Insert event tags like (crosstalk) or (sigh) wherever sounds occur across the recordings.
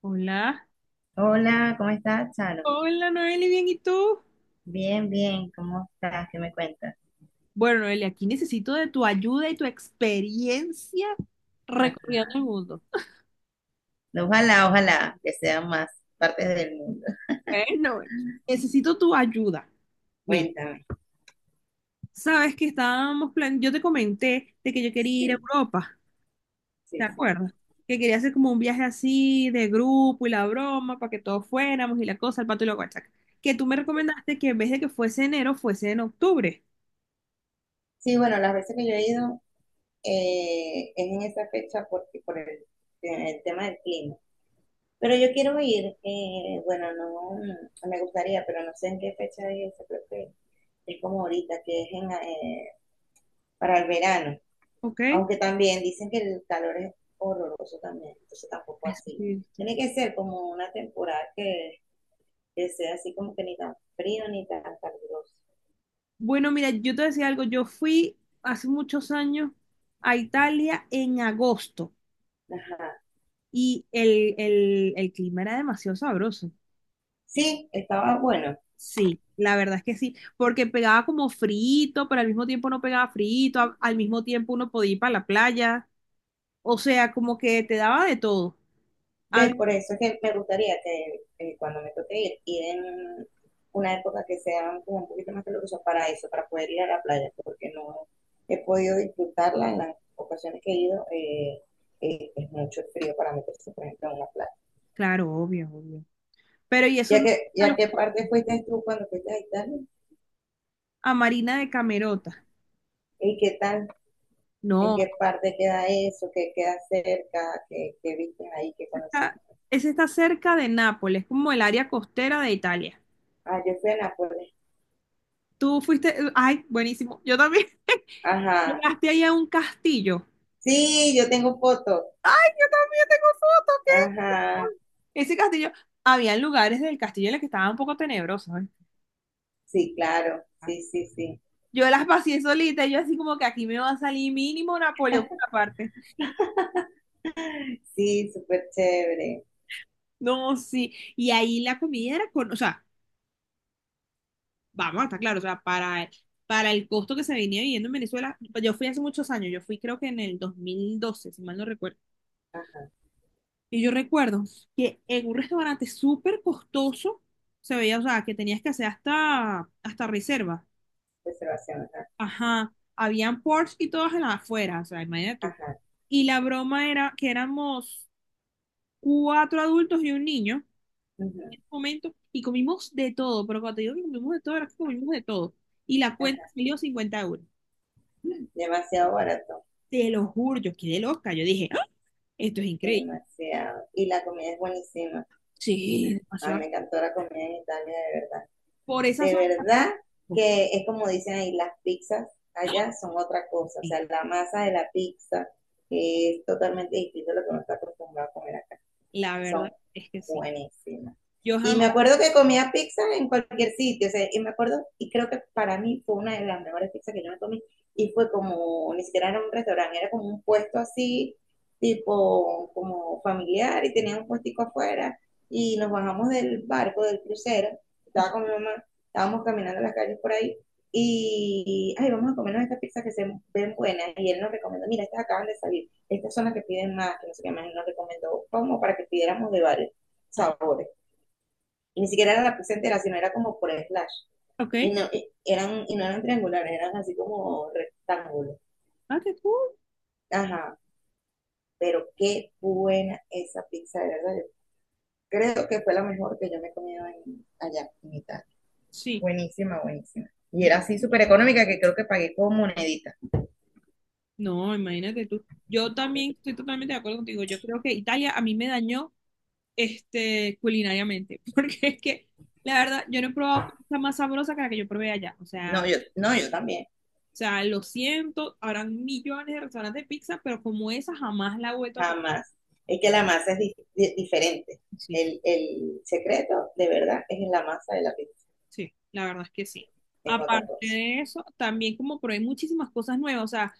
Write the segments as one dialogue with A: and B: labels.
A: Hola.
B: Hola, ¿cómo estás, Charo?
A: Hola, Noeli, bien, ¿y tú?
B: Bien, bien, ¿cómo estás? ¿Qué me cuentas?
A: Bueno, Noeli, aquí necesito de tu ayuda y tu experiencia
B: Ah,
A: recorriendo el mundo.
B: ojalá, ojalá que sean más partes del mundo.
A: Bueno, bueno, necesito tu ayuda.
B: (laughs)
A: Mira,
B: Cuéntame.
A: sabes que estábamos plan, yo te comenté de que yo quería ir a
B: Sí,
A: Europa, ¿te
B: sí, sí.
A: acuerdas? Que quería hacer como un viaje así de grupo y la broma para que todos fuéramos y la cosa, el pato y la guachaca. Que tú me
B: Sí,
A: recomendaste que en vez de que fuese enero, fuese en octubre,
B: sí, bueno, las veces que yo he ido es en esa fecha porque por el tema del clima. Pero yo quiero ir, bueno, no, no, me gustaría, pero no sé en qué fecha es, esa, creo que es como ahorita, que es en, para el verano.
A: ¿ok?
B: Aunque también dicen que el calor es horroroso también, entonces tampoco así.
A: Sí.
B: Tiene que ser como una temporada que sea así como que ni tan frío ni tan caluroso.
A: Bueno, mira, yo te decía algo, yo fui hace muchos años a Italia en agosto
B: Ajá.
A: y el clima era demasiado sabroso.
B: Sí, estaba bueno.
A: Sí, la verdad es que sí, porque pegaba como frito, pero al mismo tiempo no pegaba frito, al mismo tiempo uno podía ir para la playa, o sea, como que te daba de todo. Había-
B: ¿Ves? Por eso es que me gustaría que cuando me toque ir, ir en una época que sea como un poquito más calurosa para eso, para poder ir a la playa, porque no he podido disfrutarla en las ocasiones que he ido. Es mucho frío para meterse, por ejemplo, en una playa.
A: claro, obvio, obvio. Pero y eso no
B: Y
A: a,
B: a
A: los-
B: qué parte fuiste tú cuando fuiste a Italia?
A: a Marina de Camerota.
B: ¿Y qué tal? ¿En
A: No,
B: qué parte queda eso? ¿Qué queda cerca? ¿Qué, qué viste ahí? ¿Qué conociste?
A: esa esa está cerca de Nápoles, como el área costera de Italia.
B: Ah, yo fui a Nápoles.
A: Tú fuiste, ay, buenísimo. Yo también (laughs)
B: Ajá.
A: llegaste ahí a un castillo.
B: Sí, yo tengo fotos.
A: Tengo fotos
B: Ajá.
A: ese castillo, había lugares del castillo en los que estaban un poco tenebrosos, ¿eh?
B: Sí, claro. Sí, sí, sí.
A: Yo las pasé solita, y yo así como que aquí me va a salir mínimo Napoleón por la parte.
B: Sí, súper chévere.
A: No, sí. Y ahí la comida era con, o sea, vamos, está claro, o sea, para, el costo que se venía viviendo en Venezuela, yo fui hace muchos años, yo fui creo que en el 2012, si mal no recuerdo.
B: Ajá.
A: Y yo recuerdo que en un restaurante súper costoso se veía, o sea, que tenías que hacer hasta reserva.
B: Reservación, ajá.
A: Ajá, habían ports y todas en la afuera, o sea, imagínate tú.
B: Ajá.
A: Y la broma era que éramos cuatro adultos y un niño en
B: Ujú.
A: ese momento y comimos de todo, pero cuando te digo que comimos de todo, era que comimos de todo. Y la cuenta
B: Ajá.
A: salió 50 euros.
B: Demasiado barato.
A: Te lo juro, yo quedé loca. Yo dije, "¡Ah! Esto es increíble".
B: Demasiado. Y la comida es buenísima.
A: Sí,
B: Ay,
A: demasiado.
B: me encantó la comida en Italia, de verdad.
A: Por esa
B: De
A: zona.
B: verdad
A: (laughs)
B: que es como dicen ahí, las pizzas allá son otra cosa. O sea,
A: Sí,
B: la masa de la pizza es totalmente distinta a lo que uno está acostumbrado a comer acá,
A: la
B: son
A: verdad es que sí.
B: buenísimas.
A: Yo
B: Y me
A: jamás.
B: acuerdo que comía pizza en cualquier sitio, o sea, y me acuerdo, y creo que para mí fue una de las mejores pizzas que yo me comí, y fue como, ni siquiera era un restaurante, era como un puesto así, tipo, como familiar, y tenía un puestico afuera, y nos bajamos del barco, del crucero, estaba con mi mamá, estábamos caminando las calles por ahí, y, ay, vamos a comernos esta pizza que se ven buena, y él nos recomendó, mira, estas acaban de salir, estas son las que piden más, que no sé qué más, y nos recomendó como para que pidiéramos de varios sabores. Y ni siquiera era la pizza entera sino era como por slash.
A: Ok.
B: Y no, y eran, y no eran triangulares, eran así como rectángulos.
A: Ah, qué cool.
B: Ajá, pero qué buena esa pizza, de verdad. Yo creo que fue la mejor que yo me he comido allá en Italia.
A: Sí,
B: Buenísima, buenísima. Y
A: yo,
B: era así súper económica que creo que pagué con moneditas.
A: no, imagínate tú. Yo también estoy totalmente de acuerdo contigo. Yo creo que Italia a mí me dañó culinariamente, (laughs) porque es que, la verdad, yo no he probado pizza más sabrosa que la que yo probé allá. O
B: No,
A: sea,
B: yo, no, yo también.
A: lo siento, habrán millones de restaurantes de pizza, pero como esa jamás la he vuelto a probar.
B: Jamás. Es que la masa es diferente.
A: Sí, sí,
B: El secreto, de verdad, es en la masa de la pizza,
A: sí, la verdad es que sí.
B: es otra
A: Aparte
B: cosa.
A: de eso, también como probé muchísimas cosas nuevas, o sea,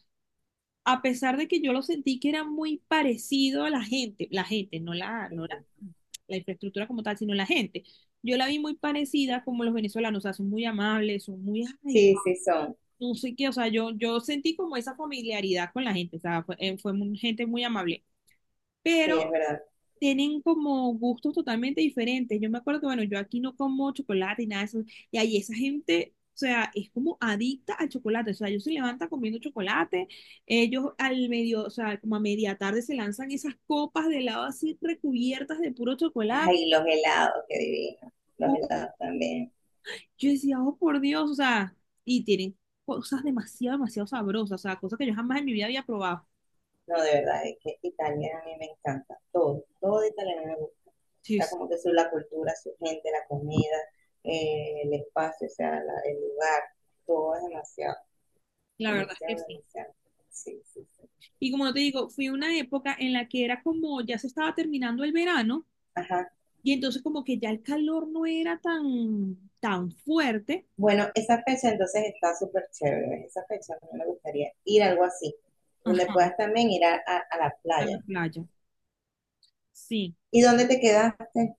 A: a pesar de que yo lo sentí que era muy parecido a la gente, no la, no la,
B: Ujú.
A: la infraestructura como tal, sino la gente. Yo la vi muy parecida como los venezolanos, o sea, son muy amables, son muy, ay,
B: Sí, sí son,
A: no sé qué, o sea, yo sentí como esa familiaridad con la gente, o sea, fue gente muy amable.
B: sí,
A: Pero
B: es verdad.
A: tienen como gustos totalmente diferentes. Yo me acuerdo que, bueno, yo aquí no como chocolate y nada de eso. Y ahí esa gente, o sea, es como adicta al chocolate. O sea, ellos se levantan comiendo chocolate. Ellos al medio, o sea, como a media tarde se lanzan esas copas de helado así recubiertas de puro chocolate.
B: Ay, los helados, qué divino. Los
A: Pu-
B: helados también.
A: Yo decía, oh, por Dios, o sea, y tienen cosas demasiado, demasiado sabrosas. O sea, cosas que yo jamás en mi vida había probado.
B: No, de verdad, es que Italia a mí me encanta. Todo, todo de Italia me gusta.
A: Sí,
B: Está
A: sí,
B: como que su, la cultura, su gente, la comida, el espacio, o sea, el lugar, todo es demasiado,
A: la verdad
B: demasiado,
A: es que sí.
B: demasiado. Sí, sí, sí.
A: Y como te digo, fui una época en la que era como ya se estaba terminando el verano.
B: Ajá.
A: Y entonces como que ya el calor no era tan, tan fuerte.
B: Bueno, esa fecha entonces está súper chévere. Esa fecha a mí me gustaría ir a algo así, donde
A: Ajá.
B: puedas también ir a la
A: En la
B: playa.
A: playa. Sí,
B: ¿Y dónde te quedaste?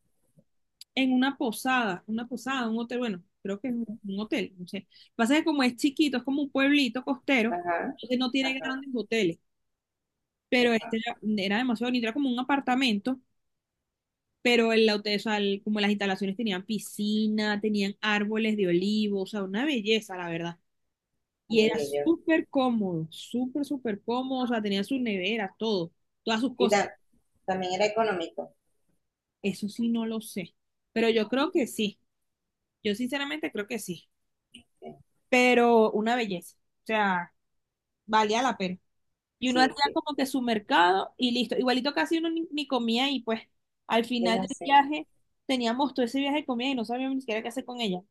A: en una posada, un hotel, bueno, creo que es un hotel, no sé. Lo que pasa es que como es chiquito, es como un pueblito costero,
B: Ajá,
A: entonces no tiene
B: ajá,
A: grandes hoteles, pero este
B: ajá.
A: era demasiado bonito, era como un apartamento, pero el hotel, o sea, como las instalaciones tenían piscina, tenían árboles de olivo, o sea, una belleza, la verdad. Y
B: Qué
A: era
B: bello.
A: súper cómodo, súper, súper cómodo, o sea, tenía sus neveras, todo, todas sus
B: Y
A: cosas.
B: también era económico.
A: Eso sí no lo sé, pero yo creo que sí. Yo sinceramente creo que sí, pero una belleza, o sea, valía la pena. Y uno
B: Sí,
A: hacía
B: sí,
A: como que su mercado y listo. Igualito casi uno ni comía y pues al
B: es
A: final del
B: así.
A: viaje teníamos todo ese viaje de comida y no sabíamos ni siquiera qué hacer con ella.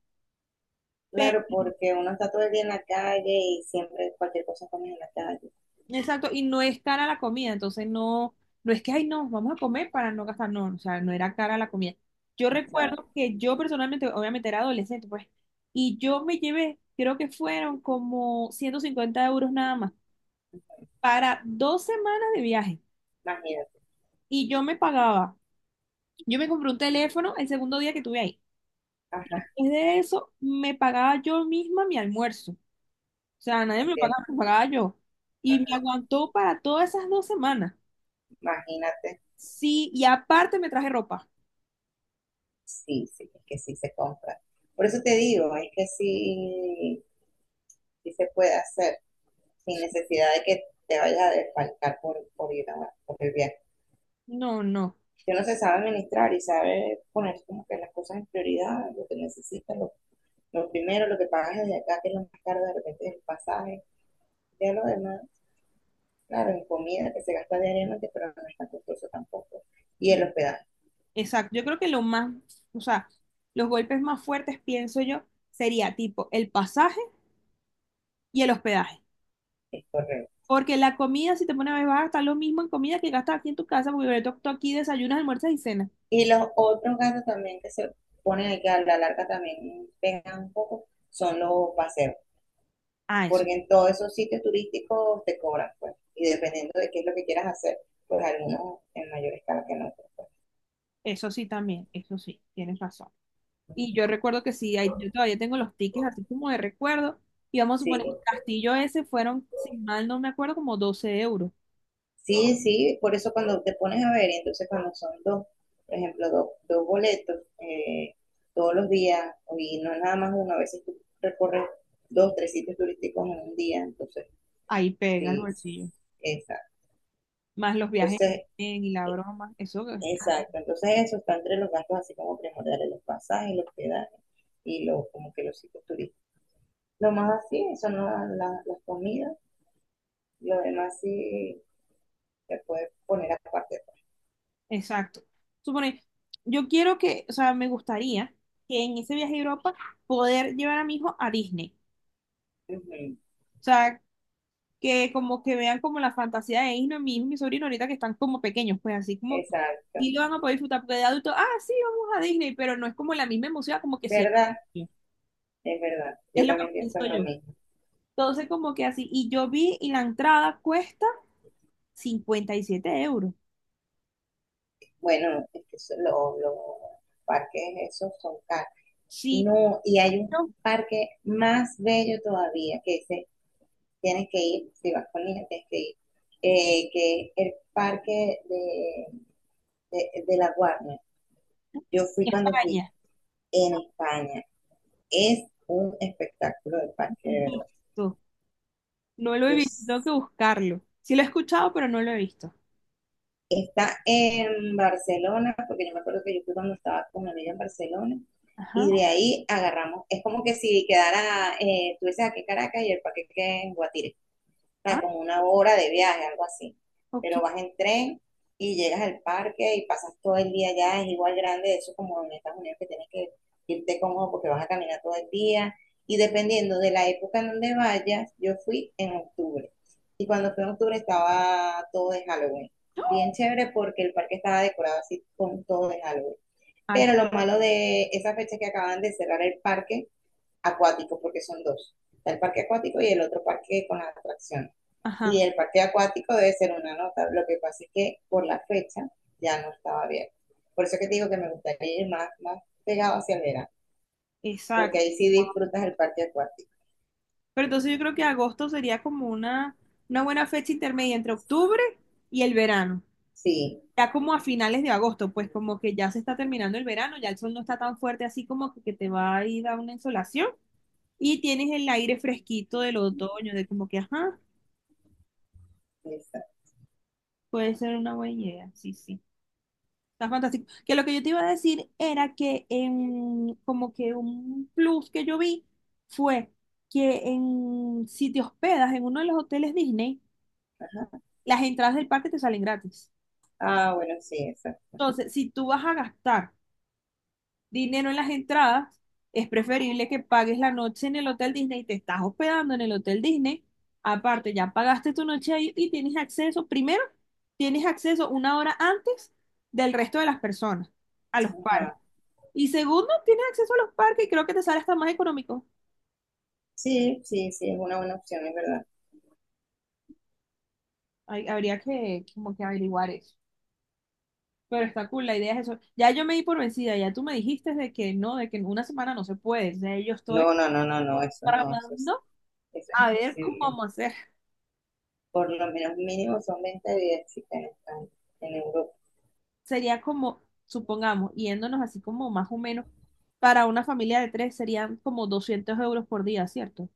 B: Claro,
A: Pero
B: porque uno está todo el día en la calle y siempre cualquier cosa comes en la calle.
A: Exacto, y no es cara la comida, entonces no, no es que, ay, no, vamos a comer para no gastar, no, o sea, no era cara la comida. Yo
B: O sea,
A: recuerdo que yo personalmente, obviamente era adolescente, pues, y yo me llevé, creo que fueron como 150 € nada más, para 2 semanas de viaje,
B: imagínate.
A: y yo me pagaba, yo me compré un teléfono el segundo día que estuve ahí.
B: Ajá,
A: Después de eso, me pagaba yo misma mi almuerzo, o sea, nadie me lo
B: ok,
A: pagaba, me lo pagaba yo, y me aguantó para todas esas 2 semanas.
B: imagínate.
A: Sí, y aparte me traje ropa.
B: Sí, sí, es que sí se compra. Por eso te digo, es que sí, sí se puede hacer, sin necesidad de que te vayas a desfalcar por ir por el viaje.
A: No, no,
B: Si uno se sabe administrar y sabe poner como que las cosas en prioridad, lo que necesitas, lo primero, lo que pagas desde acá, que es lo más caro de repente es el pasaje, ya lo demás, claro, en comida que se gasta diariamente, pero no es tan costoso tampoco. Y el hospedaje,
A: exacto. Yo creo que lo más, o sea, los golpes más fuertes, pienso yo, sería tipo el pasaje y el hospedaje.
B: es correcto.
A: Porque la comida, si te pones a ver, vas a gastar lo mismo en comida que gastas aquí en tu casa, porque tú aquí desayunas, almuerzas y cenas.
B: Y los otros gastos también que se ponen ahí, que a la larga también pegan un poco, son los paseos,
A: Ah, eso,
B: porque en todos esos sitios turísticos te cobran, pues, y dependiendo de qué es lo que quieras hacer, pues algunos en mayor escala que en otros.
A: eso sí también, eso sí, tienes razón. Y yo recuerdo que sí, yo todavía tengo los tickets así como de recuerdo. Y vamos a
B: Sí,
A: suponer, el castillo ese fueron, si mal no me acuerdo, como 12 euros.
B: sí, sí, por eso cuando te pones a ver, entonces cuando son dos, por ejemplo, dos, dos boletos todos los días, y no es nada más uno, a veces tú recorres dos, tres sitios turísticos en un día, entonces,
A: Ahí pega el
B: sí,
A: bolsillo.
B: exacto.
A: Más los viajes en
B: Entonces,
A: tren y la
B: eh,
A: broma, eso,
B: exacto, entonces eso está entre los gastos así como primordiales, los pasajes, los hospedaje y los, como que los sitios turísticos. Lo más así son las comidas, lo demás sí se puede poner aparte.
A: exacto. Supone, yo quiero que, o sea, me gustaría que en ese viaje a Europa poder llevar a mi hijo a Disney.
B: Ujú.
A: O sea, que como que vean como la fantasía de Disney, mi hijo y mi sobrino ahorita que están como pequeños, pues así como,
B: Exacto,
A: y lo van a poder disfrutar, porque de adulto, ah, sí, vamos a Disney, pero no es como la misma emoción como que si era
B: ¿verdad?
A: niño.
B: Es verdad,
A: Es
B: yo
A: lo que
B: también pienso
A: pienso
B: lo
A: yo.
B: mismo.
A: Entonces, como que así, y yo vi, y la entrada cuesta 57 euros.
B: Bueno, es que los parques esos son caros.
A: Sí,
B: No, y hay un
A: yo,
B: parque más bello todavía que dice, tienes que ir, si vas con niños tienes que ir, que es el parque de La Guardia. Yo fui
A: en
B: cuando fui
A: España.
B: en España. Es un espectáculo de parque, de verdad.
A: Visto. No lo he
B: Yo
A: visto, tengo que
B: s-
A: buscarlo. Sí lo he escuchado, pero no lo he visto.
B: está en Barcelona, porque yo me acuerdo que yo fui cuando estaba con mi amiga en Barcelona,
A: Ajá.
B: y de ahí agarramos. Es como que si quedara, tú dices aquí en Caracas y el paquete en Guatire.
A: Ah,
B: Sea, como una hora de viaje, algo así.
A: ok.
B: Pero vas en tren y llegas al parque y pasas todo el día allá, es igual grande, eso como en Estados Unidos que tienes que irte cómodo porque vas a caminar todo el día. Y dependiendo de la época en donde vayas, yo fui en octubre. Y cuando fui en octubre estaba todo de Halloween.
A: No.
B: Bien chévere porque el parque estaba decorado así con todo de Halloween.
A: Ay,
B: Pero lo malo de esa fecha es que acaban de cerrar el parque acuático, porque son dos. Está el parque acuático y el otro parque con las atracciones.
A: ajá,
B: Y el parque acuático debe ser una nota. Lo que pasa es que por la fecha ya no estaba abierto. Por eso que te digo que me gustaría ir más, más pegado hacia el verano, porque
A: exacto.
B: ahí sí disfrutas el parque acuático.
A: Pero entonces yo creo que agosto sería como una buena fecha intermedia entre octubre y el verano.
B: Sí,
A: Ya como a finales de agosto, pues como que ya se está terminando el verano, ya el sol no está tan fuerte así como que te va a ir a una insolación y tienes el aire fresquito del otoño, de como que, ajá,
B: esa.
A: puede ser una buena idea, sí, sí. Está fantástico. Que lo que yo te iba a decir era que como que un plus que yo vi fue que si te hospedas en uno de los hoteles Disney, las entradas del parque te salen gratis.
B: Ah, bueno, sí, esa.
A: Entonces, si tú vas a gastar dinero en las entradas, es preferible que pagues la noche en el hotel Disney, te estás hospedando en el hotel Disney. Aparte, ya pagaste tu noche ahí y tienes acceso, primero, tienes acceso una hora antes del resto de las personas a los parques.
B: Ajá.
A: Y segundo, tienes acceso a los parques y creo que te sale hasta más económico.
B: Sí, sí, sí, es una buena opción, es verdad.
A: Habría que como que averiguar eso. Pero está cool, la idea es eso. Ya yo me di por vencida, ya tú me dijiste de que no, de que en una semana no se puede. O sea, yo estoy
B: No, no, no, no, no, eso no,
A: tramando
B: eso es
A: a ver cómo
B: imposible.
A: vamos a hacer.
B: Por lo menos mínimo son 20 días, chicas, en España, en Europa.
A: Sería como, supongamos, yéndonos así como más o menos, para una familia de tres serían como 200 € por día, ¿cierto?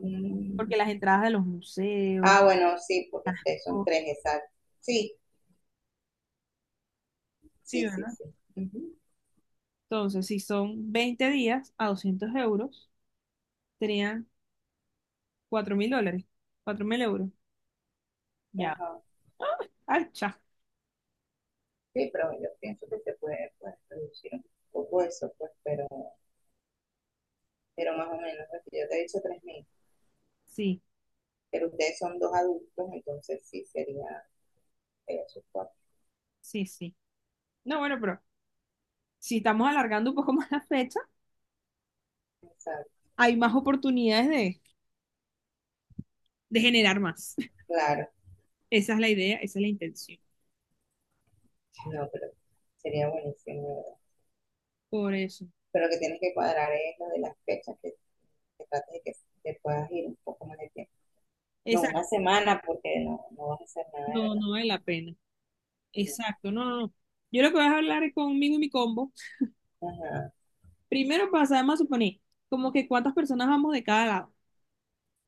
B: Mm.
A: Porque las entradas de los museos.
B: Ah, bueno, sí, porque ustedes son
A: o-
B: tres, exacto. Sí,
A: Sí,
B: sí, sí,
A: ¿verdad?
B: sí. Ujú.
A: Entonces, si son 20 días a 200 euros, serían $4.000, cuatro mil euros. Ya.
B: Ajá.
A: Ay, cha.
B: Sí, pero yo pienso que se puede pues, reducir un poco eso, pues, pero más o menos, lo que yo te he dicho 3.000,
A: Sí,
B: pero ustedes son dos adultos, entonces sí sería eso, cuatro.
A: sí, sí. No, bueno, pero si estamos alargando un poco (laughs) más la fecha,
B: Exacto.
A: hay más oportunidades de, generar más.
B: Claro,
A: (laughs) Esa es la idea, esa es la intención.
B: no, pero sería buenísimo, de ¿verdad?
A: Por eso.
B: Pero lo que tienes que cuadrar es lo de las fechas, que trates de que te puedas ir un poco más de tiempo. No,
A: Exacto.
B: una semana, porque no, no vas a hacer nada de
A: No,
B: verdad.
A: no vale la pena. Exacto. No, no, no. Yo lo que voy a hablar es conmigo y mi combo.
B: No. Ajá,
A: Primero pasamos a suponer como que cuántas personas vamos de cada lado.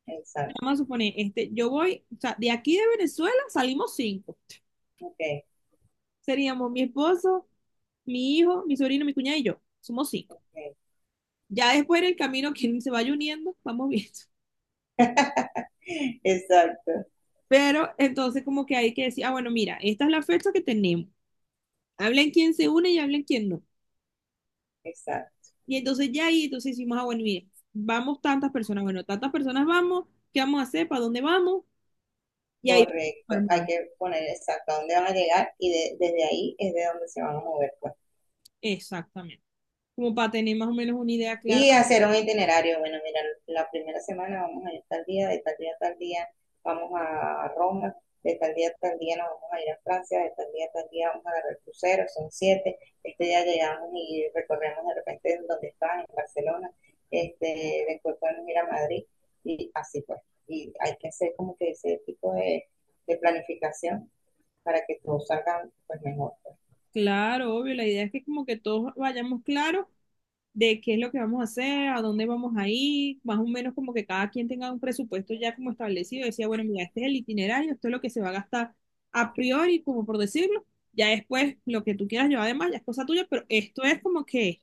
B: exacto,
A: Vamos a suponer, yo voy, o sea, de aquí de Venezuela salimos cinco.
B: ok,
A: Seríamos mi esposo, mi hijo, mi sobrino, mi cuñada y yo. Somos cinco.
B: ok.
A: Ya después en el camino, quien se vaya uniendo, vamos viendo.
B: (laughs) Exacto,
A: Pero entonces como que hay que decir, ah, bueno, mira, esta es la fecha que tenemos. Hablen quién se une y hablen quién no.
B: exacto.
A: Y entonces ya ahí, entonces decimos, ah, bueno, mire, vamos tantas personas, bueno, tantas personas vamos, ¿qué vamos a hacer? ¿Para dónde vamos? Y ahí vamos a
B: Correcto, hay
A: armar.
B: que poner exacto a dónde van a llegar y desde ahí es de donde se van a mover, pues.
A: Exactamente. Como para tener más o menos una idea clara.
B: Y hacer un itinerario. Bueno, mira, la primera semana vamos a ir tal día, de tal día a tal día vamos a Roma, de tal día a tal día nos vamos a ir a Francia, de tal día a tal día vamos a agarrar crucero, son 7. Este día llegamos y recorremos de repente donde están, en Barcelona. Este, después podemos ir a Madrid y así pues. Y hay que hacer como que ese tipo de planificación para que todos salgan pues, mejor,
A: Claro, obvio, la idea es que como que todos vayamos claros de qué es lo que vamos a hacer, a dónde vamos a ir, más o menos como que cada quien tenga un presupuesto ya como establecido, decía, bueno, mira, este es el itinerario, esto es lo que se va a gastar a priori, como por decirlo, ya después lo que tú quieras llevar además ya es cosa tuya, pero esto es como que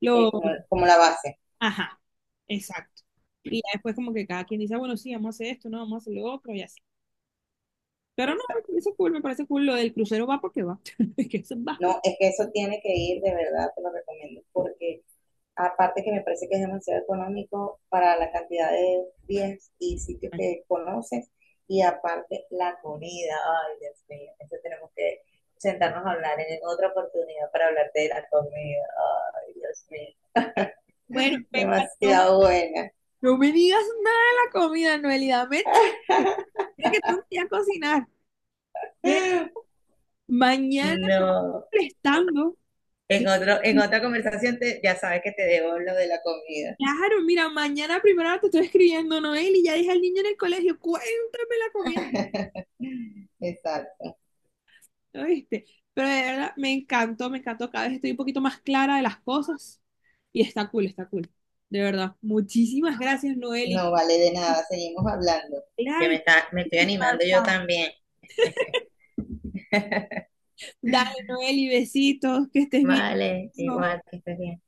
A: lo,
B: como la base.
A: ajá, exacto. Y ya después como que cada quien dice, bueno, sí, vamos a hacer esto, no, vamos a hacer lo otro y así. Pero no,
B: Exacto.
A: eso es cool, me parece cool. Lo del crucero va porque va. (laughs) Es que eso es bajo.
B: No, es que eso tiene que ir, de verdad, te lo recomiendo, porque aparte que me parece que es demasiado económico para la cantidad de días y sitios que conoces, y aparte la comida, ay Dios mío, eso tenemos que sentarnos a hablar en otra oportunidad para hablarte de la comida, ay Dios mío,
A: Bueno, venga, no,
B: demasiado buena.
A: no me digas nada de la comida, Noelida. Me Mira que tengo que ir a cocinar. Ve, mañana te voy
B: No.
A: prestando. Yo,
B: En otra conversación te- ya sabes que te debo lo de la comida.
A: claro, mira, mañana primero te estoy escribiendo, Noel, y ya dije al niño en el colegio, cuéntame la comida,
B: Exacto.
A: ¿viste? Pero de verdad, me encantó, me encantó. Cada vez estoy un poquito más clara de las cosas. Y está cool, está cool. De verdad. Muchísimas gracias, Noel. Y
B: No vale de nada, seguimos hablando. Que
A: claro,
B: me
A: yo
B: está, me
A: te
B: estoy
A: invito a dar
B: animando yo
A: pan.
B: también.
A: Dale, Noel, y besitos, que estés bien.
B: Vale,
A: Amigo.
B: igual que estés bien.